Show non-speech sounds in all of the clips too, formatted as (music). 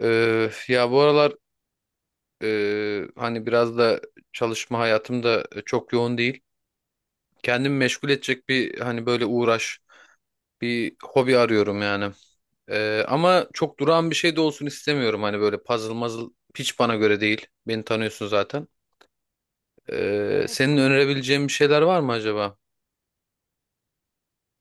Ya bu aralar hani biraz da çalışma hayatım da çok yoğun değil. Kendimi meşgul edecek bir hani böyle uğraş, bir hobi arıyorum yani. Ama çok durağan bir şey de olsun istemiyorum. Hani böyle puzzle mazıl hiç bana göre değil. Beni tanıyorsun zaten. Evet, Senin bana önerebileceğin bir şeyler var mı acaba?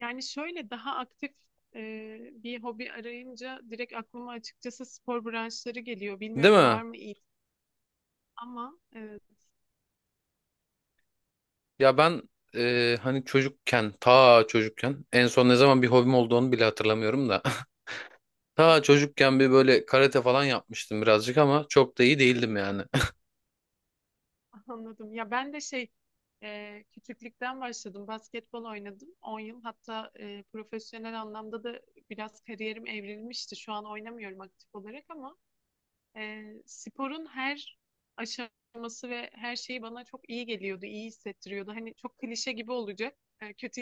yani şöyle daha aktif bir hobi arayınca direkt aklıma açıkçası spor branşları geliyor. Değil Bilmiyorum, mi? var mı iyi ama Ya ben hani çocukken, ta çocukken en son ne zaman bir hobim olduğunu bile hatırlamıyorum da. Ta çocukken bir böyle karate falan yapmıştım birazcık ama çok da iyi değildim yani. (laughs) anladım. Ya ben de şey küçüklükten başladım. Basketbol oynadım 10 yıl. Hatta profesyonel anlamda da biraz kariyerim evrilmişti. Şu an oynamıyorum aktif olarak ama sporun her aşaması ve her şeyi bana çok iyi geliyordu, iyi hissettiriyordu. Hani çok klişe gibi olacak. E, kötü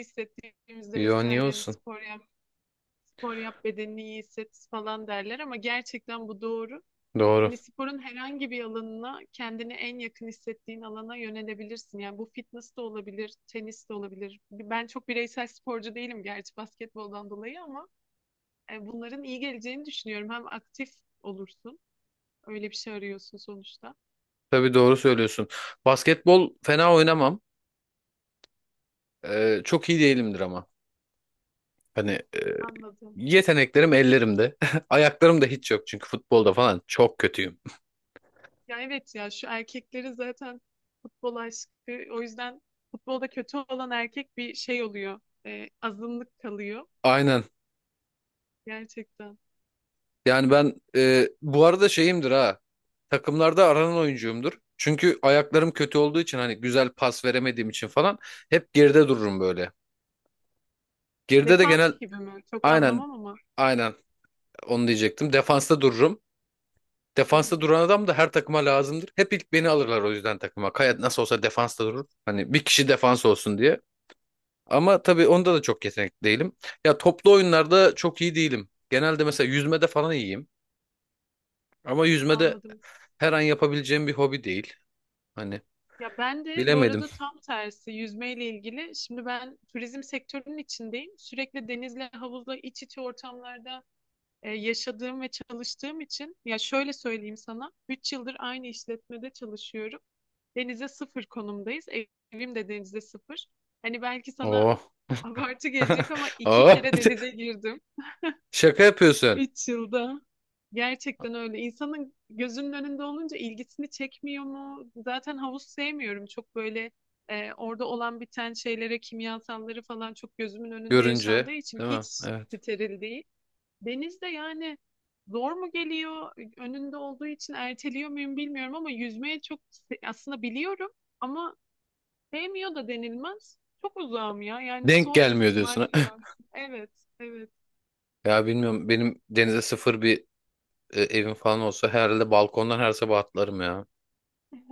(laughs) hissettiğimizde Yo niye vesaire hani olsun? spor yap, spor yap, bedenini iyi hisset falan derler ama gerçekten bu doğru. Doğru. Hani sporun herhangi bir alanına, kendini en yakın hissettiğin alana yönelebilirsin. Yani bu fitness de olabilir, tenis de olabilir. Ben çok bireysel sporcu değilim gerçi basketboldan dolayı ama bunların iyi geleceğini düşünüyorum. Hem aktif olursun, öyle bir şey arıyorsun sonuçta. Tabii doğru söylüyorsun. Basketbol fena oynamam. Çok iyi değilimdir ama. Hani Anladım. yeteneklerim ellerimde. (laughs) Ayaklarım da hiç yok çünkü futbolda falan çok kötüyüm. Ya evet, ya şu erkekleri zaten futbol aşkı, o yüzden futbolda kötü olan erkek bir şey oluyor. E, azınlık kalıyor Aynen. gerçekten. Yani ben bu arada şeyimdir ha. Takımlarda aranan oyuncuyumdur. Çünkü ayaklarım kötü olduğu için hani güzel pas veremediğim için falan hep geride dururum böyle. Geride de Defans genel gibi mi? Çok aynen. anlamam ama. Aynen. Onu diyecektim. Defansta dururum. Hı Defansta hı. duran adam da her takıma lazımdır. Hep ilk beni alırlar o yüzden takıma. Kaya nasıl olsa defansta durur. Hani bir kişi defans olsun diye. Ama tabii onda da çok yetenekli değilim. Ya toplu oyunlarda çok iyi değilim. Genelde mesela yüzmede falan iyiyim. Ama yüzmede Anladım. her an yapabileceğim bir hobi değil. Hani Ya ben de bu bilemedim. arada tam tersi yüzmeyle ilgili. Şimdi ben turizm sektörünün içindeyim. Sürekli denizle, havuzla iç içe ortamlarda yaşadığım ve çalıştığım için ya şöyle söyleyeyim sana, 3 yıldır aynı işletmede çalışıyorum. Denize sıfır konumdayız. Evim de denize sıfır. Hani belki sana Oo. (laughs) abartı gelecek ama (laughs) iki Oo. kere denize girdim (laughs) Şaka yapıyorsun 3 yılda. Gerçekten öyle. İnsanın gözünün önünde olunca ilgisini çekmiyor mu? Zaten havuz sevmiyorum. Çok böyle orada olan biten şeylere, kimyasalları falan çok gözümün önünde yaşandığı görünce. için Değil hiç mi? Evet. steril değil. Deniz de yani zor mu geliyor? Önünde olduğu için erteliyor muyum bilmiyorum ama yüzmeye çok aslında biliyorum ama sevmiyor da denilmez. Çok uzağım ya. Yani Denk son gelmiyor ihtimal diyorsun. (laughs) falan. Evet, evet. Ya bilmiyorum benim denize sıfır bir evim falan olsa herhalde balkondan her sabah atlarım ya.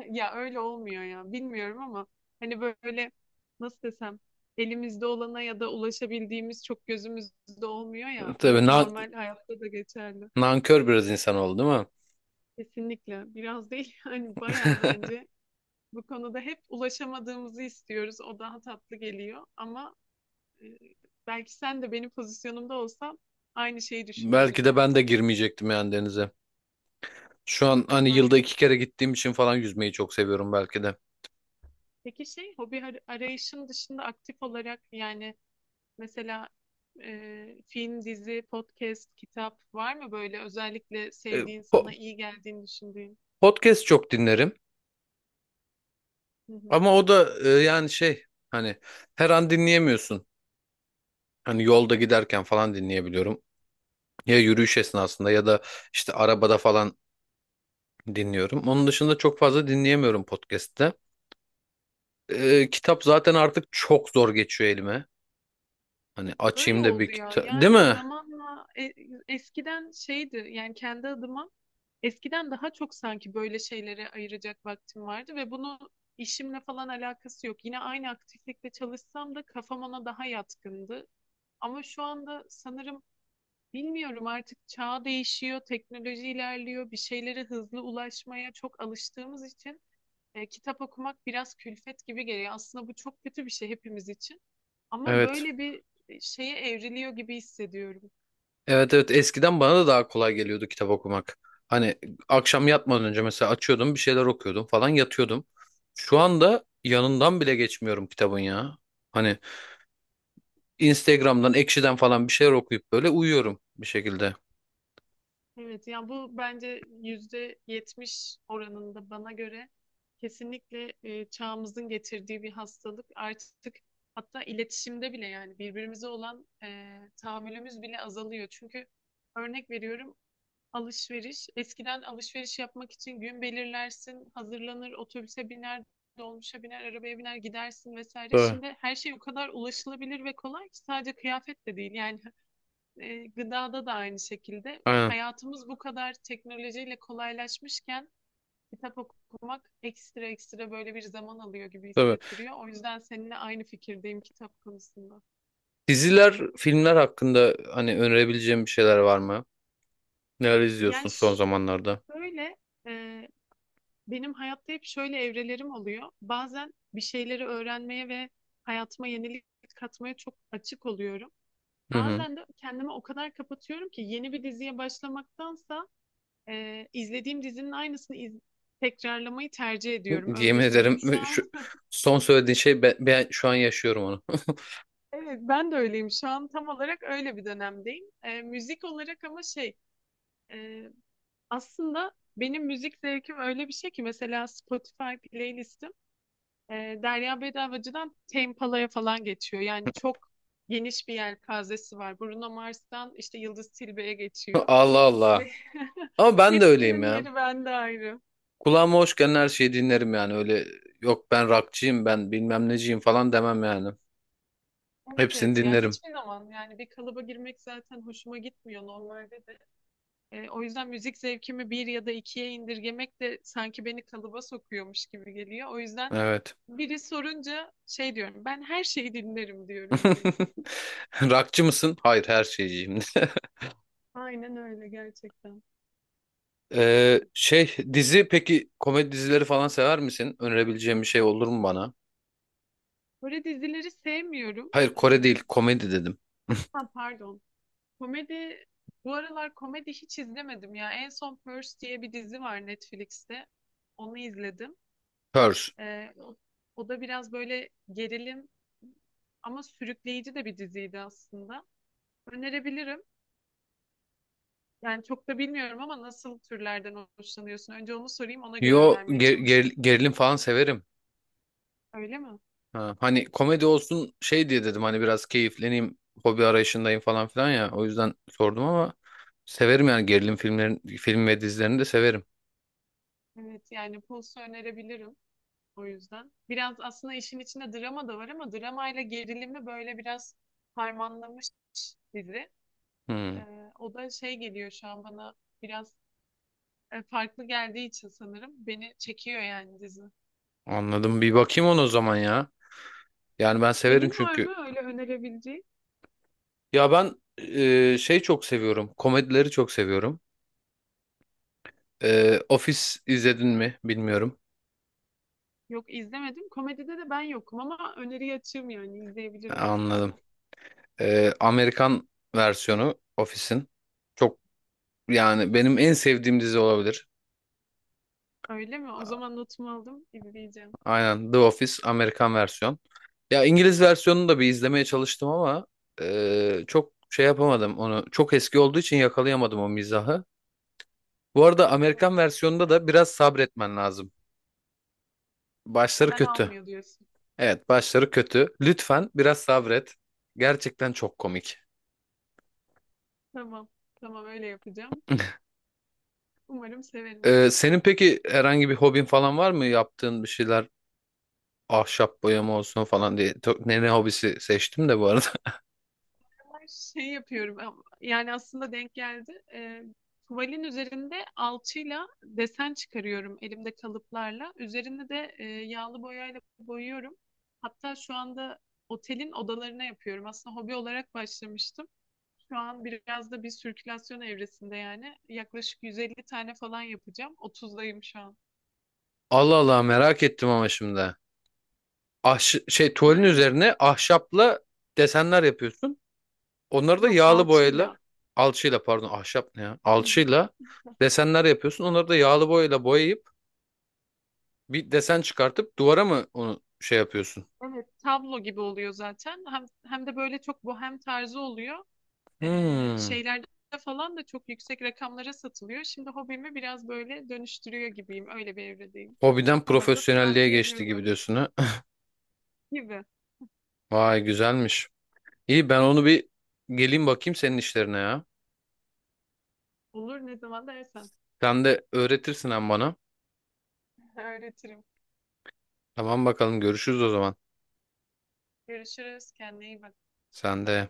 Ya öyle olmuyor ya. Bilmiyorum ama hani böyle, nasıl desem, elimizde olana ya da ulaşabildiğimiz çok gözümüzde olmuyor ya. (laughs) Tabii Bu na- normal hayatta da geçerli. Nankör biraz insan oldu değil mi? Kesinlikle. Biraz değil (laughs) yani bayağı (laughs) bence. Bu konuda hep ulaşamadığımızı istiyoruz. O daha tatlı geliyor ama e, belki sen de benim pozisyonumda olsan aynı şeyi Belki düşünürdün de yani. ben de girmeyecektim yani denize. Şu an hani yılda Aynen. iki kere gittiğim için falan yüzmeyi çok seviyorum belki de. Peki şey, hobi arayışın dışında aktif olarak yani mesela film, dizi, podcast, kitap var mı böyle özellikle E, sevdiğin, sana po- iyi geldiğini düşündüğün? Podcast çok dinlerim Hı hı. ama o da yani şey hani her an dinleyemiyorsun. Hani yolda giderken falan dinleyebiliyorum. Ya yürüyüş esnasında ya da işte arabada falan dinliyorum. Onun dışında çok fazla dinleyemiyorum podcast'te. E, kitap zaten artık çok zor geçiyor elime. Hani Öyle açayım da bir oldu ya. kitap. Değil Yani mi? zamanla eskiden şeydi yani, kendi adıma eskiden daha çok sanki böyle şeylere ayıracak vaktim vardı ve bunu, işimle falan alakası yok. Yine aynı aktiflikte çalışsam da kafam ona daha yatkındı. Ama şu anda sanırım, bilmiyorum, artık çağ değişiyor, teknoloji ilerliyor, bir şeylere hızlı ulaşmaya çok alıştığımız için kitap okumak biraz külfet gibi geliyor. Aslında bu çok kötü bir şey hepimiz için. Ama Evet. böyle bir şeye evriliyor gibi hissediyorum. Evet evet, eskiden bana da daha kolay geliyordu kitap okumak. Hani akşam yatmadan önce mesela açıyordum bir şeyler okuyordum falan yatıyordum. Şu anda yanından bile geçmiyorum kitabın ya. Hani Instagram'dan, Ekşi'den falan bir şeyler okuyup böyle uyuyorum bir şekilde. Evet, yani bu bence %70 oranında, bana göre kesinlikle çağımızın getirdiği bir hastalık. Artık hatta iletişimde bile yani birbirimize olan tahammülümüz bile azalıyor. Çünkü örnek veriyorum, alışveriş. Eskiden alışveriş yapmak için gün belirlersin, hazırlanır, otobüse biner, dolmuşa biner, arabaya biner, gidersin vesaire. Tabii. Şimdi her şey o kadar ulaşılabilir ve kolay ki, sadece kıyafet de değil. Yani gıdada da aynı şekilde. Aynen. Hayatımız bu kadar teknolojiyle kolaylaşmışken kitap okumak ekstra ekstra böyle bir zaman alıyor gibi Tabii. hissettiriyor. O yüzden seninle aynı fikirdeyim kitap konusunda. Diziler, filmler hakkında hani önerebileceğim bir şeyler var mı? Neler izliyorsun Yani son zamanlarda? şöyle e, benim hayatta hep şöyle evrelerim oluyor. Bazen bir şeyleri öğrenmeye ve hayatıma yenilik katmaya çok açık oluyorum. Hı hı. Bazen de kendimi o kadar kapatıyorum ki yeni bir diziye başlamaktansa izlediğim dizinin aynısını tekrarlamayı tercih ediyorum. Öyle Yemin söyleyeyim. Şu ederim (laughs) an şu son söylediğin şey ben şu an yaşıyorum onu. evet, ben de öyleyim. Şu an tam olarak öyle bir dönemdeyim. E, müzik olarak ama şey, e, aslında benim müzik zevkim öyle bir şey ki, mesela Spotify playlistim Derya Bedavacı'dan Tempala'ya falan geçiyor. Yani çok geniş bir yelpazesi var. Bruno Mars'tan işte Yıldız Tilbe'ye (laughs) geçiyor. Allah Allah. Ve Ama (laughs) ben de öyleyim hepsinin ya. yeri bende ayrı. Kulağıma hoş gelen her şeyi dinlerim yani. Öyle yok ben rockçıyım ben bilmem neciyim falan demem yani. Evet, Hepsini evet, ya dinlerim. hiçbir zaman yani bir kalıba girmek zaten hoşuma gitmiyor normalde de. E, o yüzden müzik zevkimi bir ya da ikiye indirgemek de sanki beni kalıba sokuyormuş gibi geliyor. O yüzden Evet. biri sorunca şey diyorum, ben her şeyi dinlerim diyorum direkt. (laughs) Rockçı mısın? Hayır, her şeyciyim. (laughs) Aynen öyle gerçekten. Şey dizi peki komedi dizileri falan sever misin? Önerebileceğim bir şey olur mu bana? Kore dizileri sevmiyorum. Hayır Kore Ee, değil, komedi dedim. ha, pardon. Komedi, bu aralar komedi hiç izlemedim ya. En son Purge diye bir dizi var Netflix'te. Onu izledim. Purs. Ee, o, O da biraz böyle gerilim ama sürükleyici de bir diziydi aslında. Önerebilirim. Yani çok da bilmiyorum ama nasıl türlerden hoşlanıyorsun? Önce onu sorayım, ona göre önermeye çalışayım. Gerilim falan severim. Öyle mi? Ha, hani komedi olsun şey diye dedim hani biraz keyifleneyim hobi arayışındayım falan filan ya o yüzden sordum ama severim yani gerilim filmlerin film ve dizilerini de severim. Evet, yani Pulse'u önerebilirim. O yüzden. Biraz aslında işin içinde drama da var ama dramayla gerilimi böyle biraz harmanlamış dizi. Hmm, O da şey geliyor şu an bana, biraz farklı geldiği için sanırım beni çekiyor yani dizi. anladım bir bakayım ona o zaman ya. Yani ben severim Senin var çünkü. mı öyle önerebileceğin? Ya ben şey çok seviyorum, komedileri çok seviyorum. E, Office izledin mi bilmiyorum. Yok, izlemedim. Komedide de ben yokum ama öneri açığım yani, Ha, izleyebilirim o anladım. yüzden. E, Amerikan versiyonu Office'in çok yani benim en sevdiğim dizi olabilir. Öyle mi? O zaman notumu aldım, izleyeceğim. Aynen, The Office Amerikan versiyon. Ya İngiliz versiyonunu da bir izlemeye çalıştım ama çok şey yapamadım onu. Çok eski olduğu için yakalayamadım o mizahı. Bu arada Hı Amerikan hı. versiyonunda da biraz sabretmen lazım. Başları Hemen kötü. almıyor diyorsun. Evet, başları kötü. Lütfen biraz sabret. Gerçekten çok komik. Tamam. Tamam, öyle yapacağım. (laughs) Umarım severim. E, senin peki herhangi bir hobin falan var mı? Yaptığın bir şeyler ahşap boyama olsun falan diye. Ne ne hobisi seçtim de bu arada. Şey yapıyorum yani aslında denk geldi. Tuvalin üzerinde alçıyla desen çıkarıyorum, elimde kalıplarla. Üzerine de yağlı boyayla boyuyorum. Hatta şu anda otelin odalarına yapıyorum. Aslında hobi olarak başlamıştım. Şu an biraz da bir sirkülasyon evresinde yani. Yaklaşık 150 tane falan yapacağım. 30'dayım şu an. (laughs) Allah Allah, merak ettim ama şimdi. Şey, tuvalin Yani üzerine ahşapla desenler yapıyorsun. Onları da yok, yağlı boyayla alçıyla. alçıyla, pardon ahşap ne ya? Hı hı. Alçıyla desenler yapıyorsun. Onları da yağlı boyayla boyayıp bir desen çıkartıp duvara mı onu şey yapıyorsun? Evet, tablo gibi oluyor zaten. Hem, hem de böyle çok bohem tarzı oluyor. e, Hmm. Şeylerde falan da çok yüksek rakamlara satılıyor. Şimdi hobimi biraz böyle dönüştürüyor gibiyim. Öyle bir evredeyim. Hobiden Sana da profesyonelliğe tavsiye geçti ediyorum gibi öyle bir diyorsun şey ha. (laughs) gibi. Vay güzelmiş. İyi ben onu bir geleyim bakayım senin işlerine ya. Olur, ne zaman dersen. Sen de öğretirsin hem bana. (laughs) Öğretirim. Tamam bakalım, görüşürüz o zaman. Görüşürüz. Kendine iyi bak. Sen de.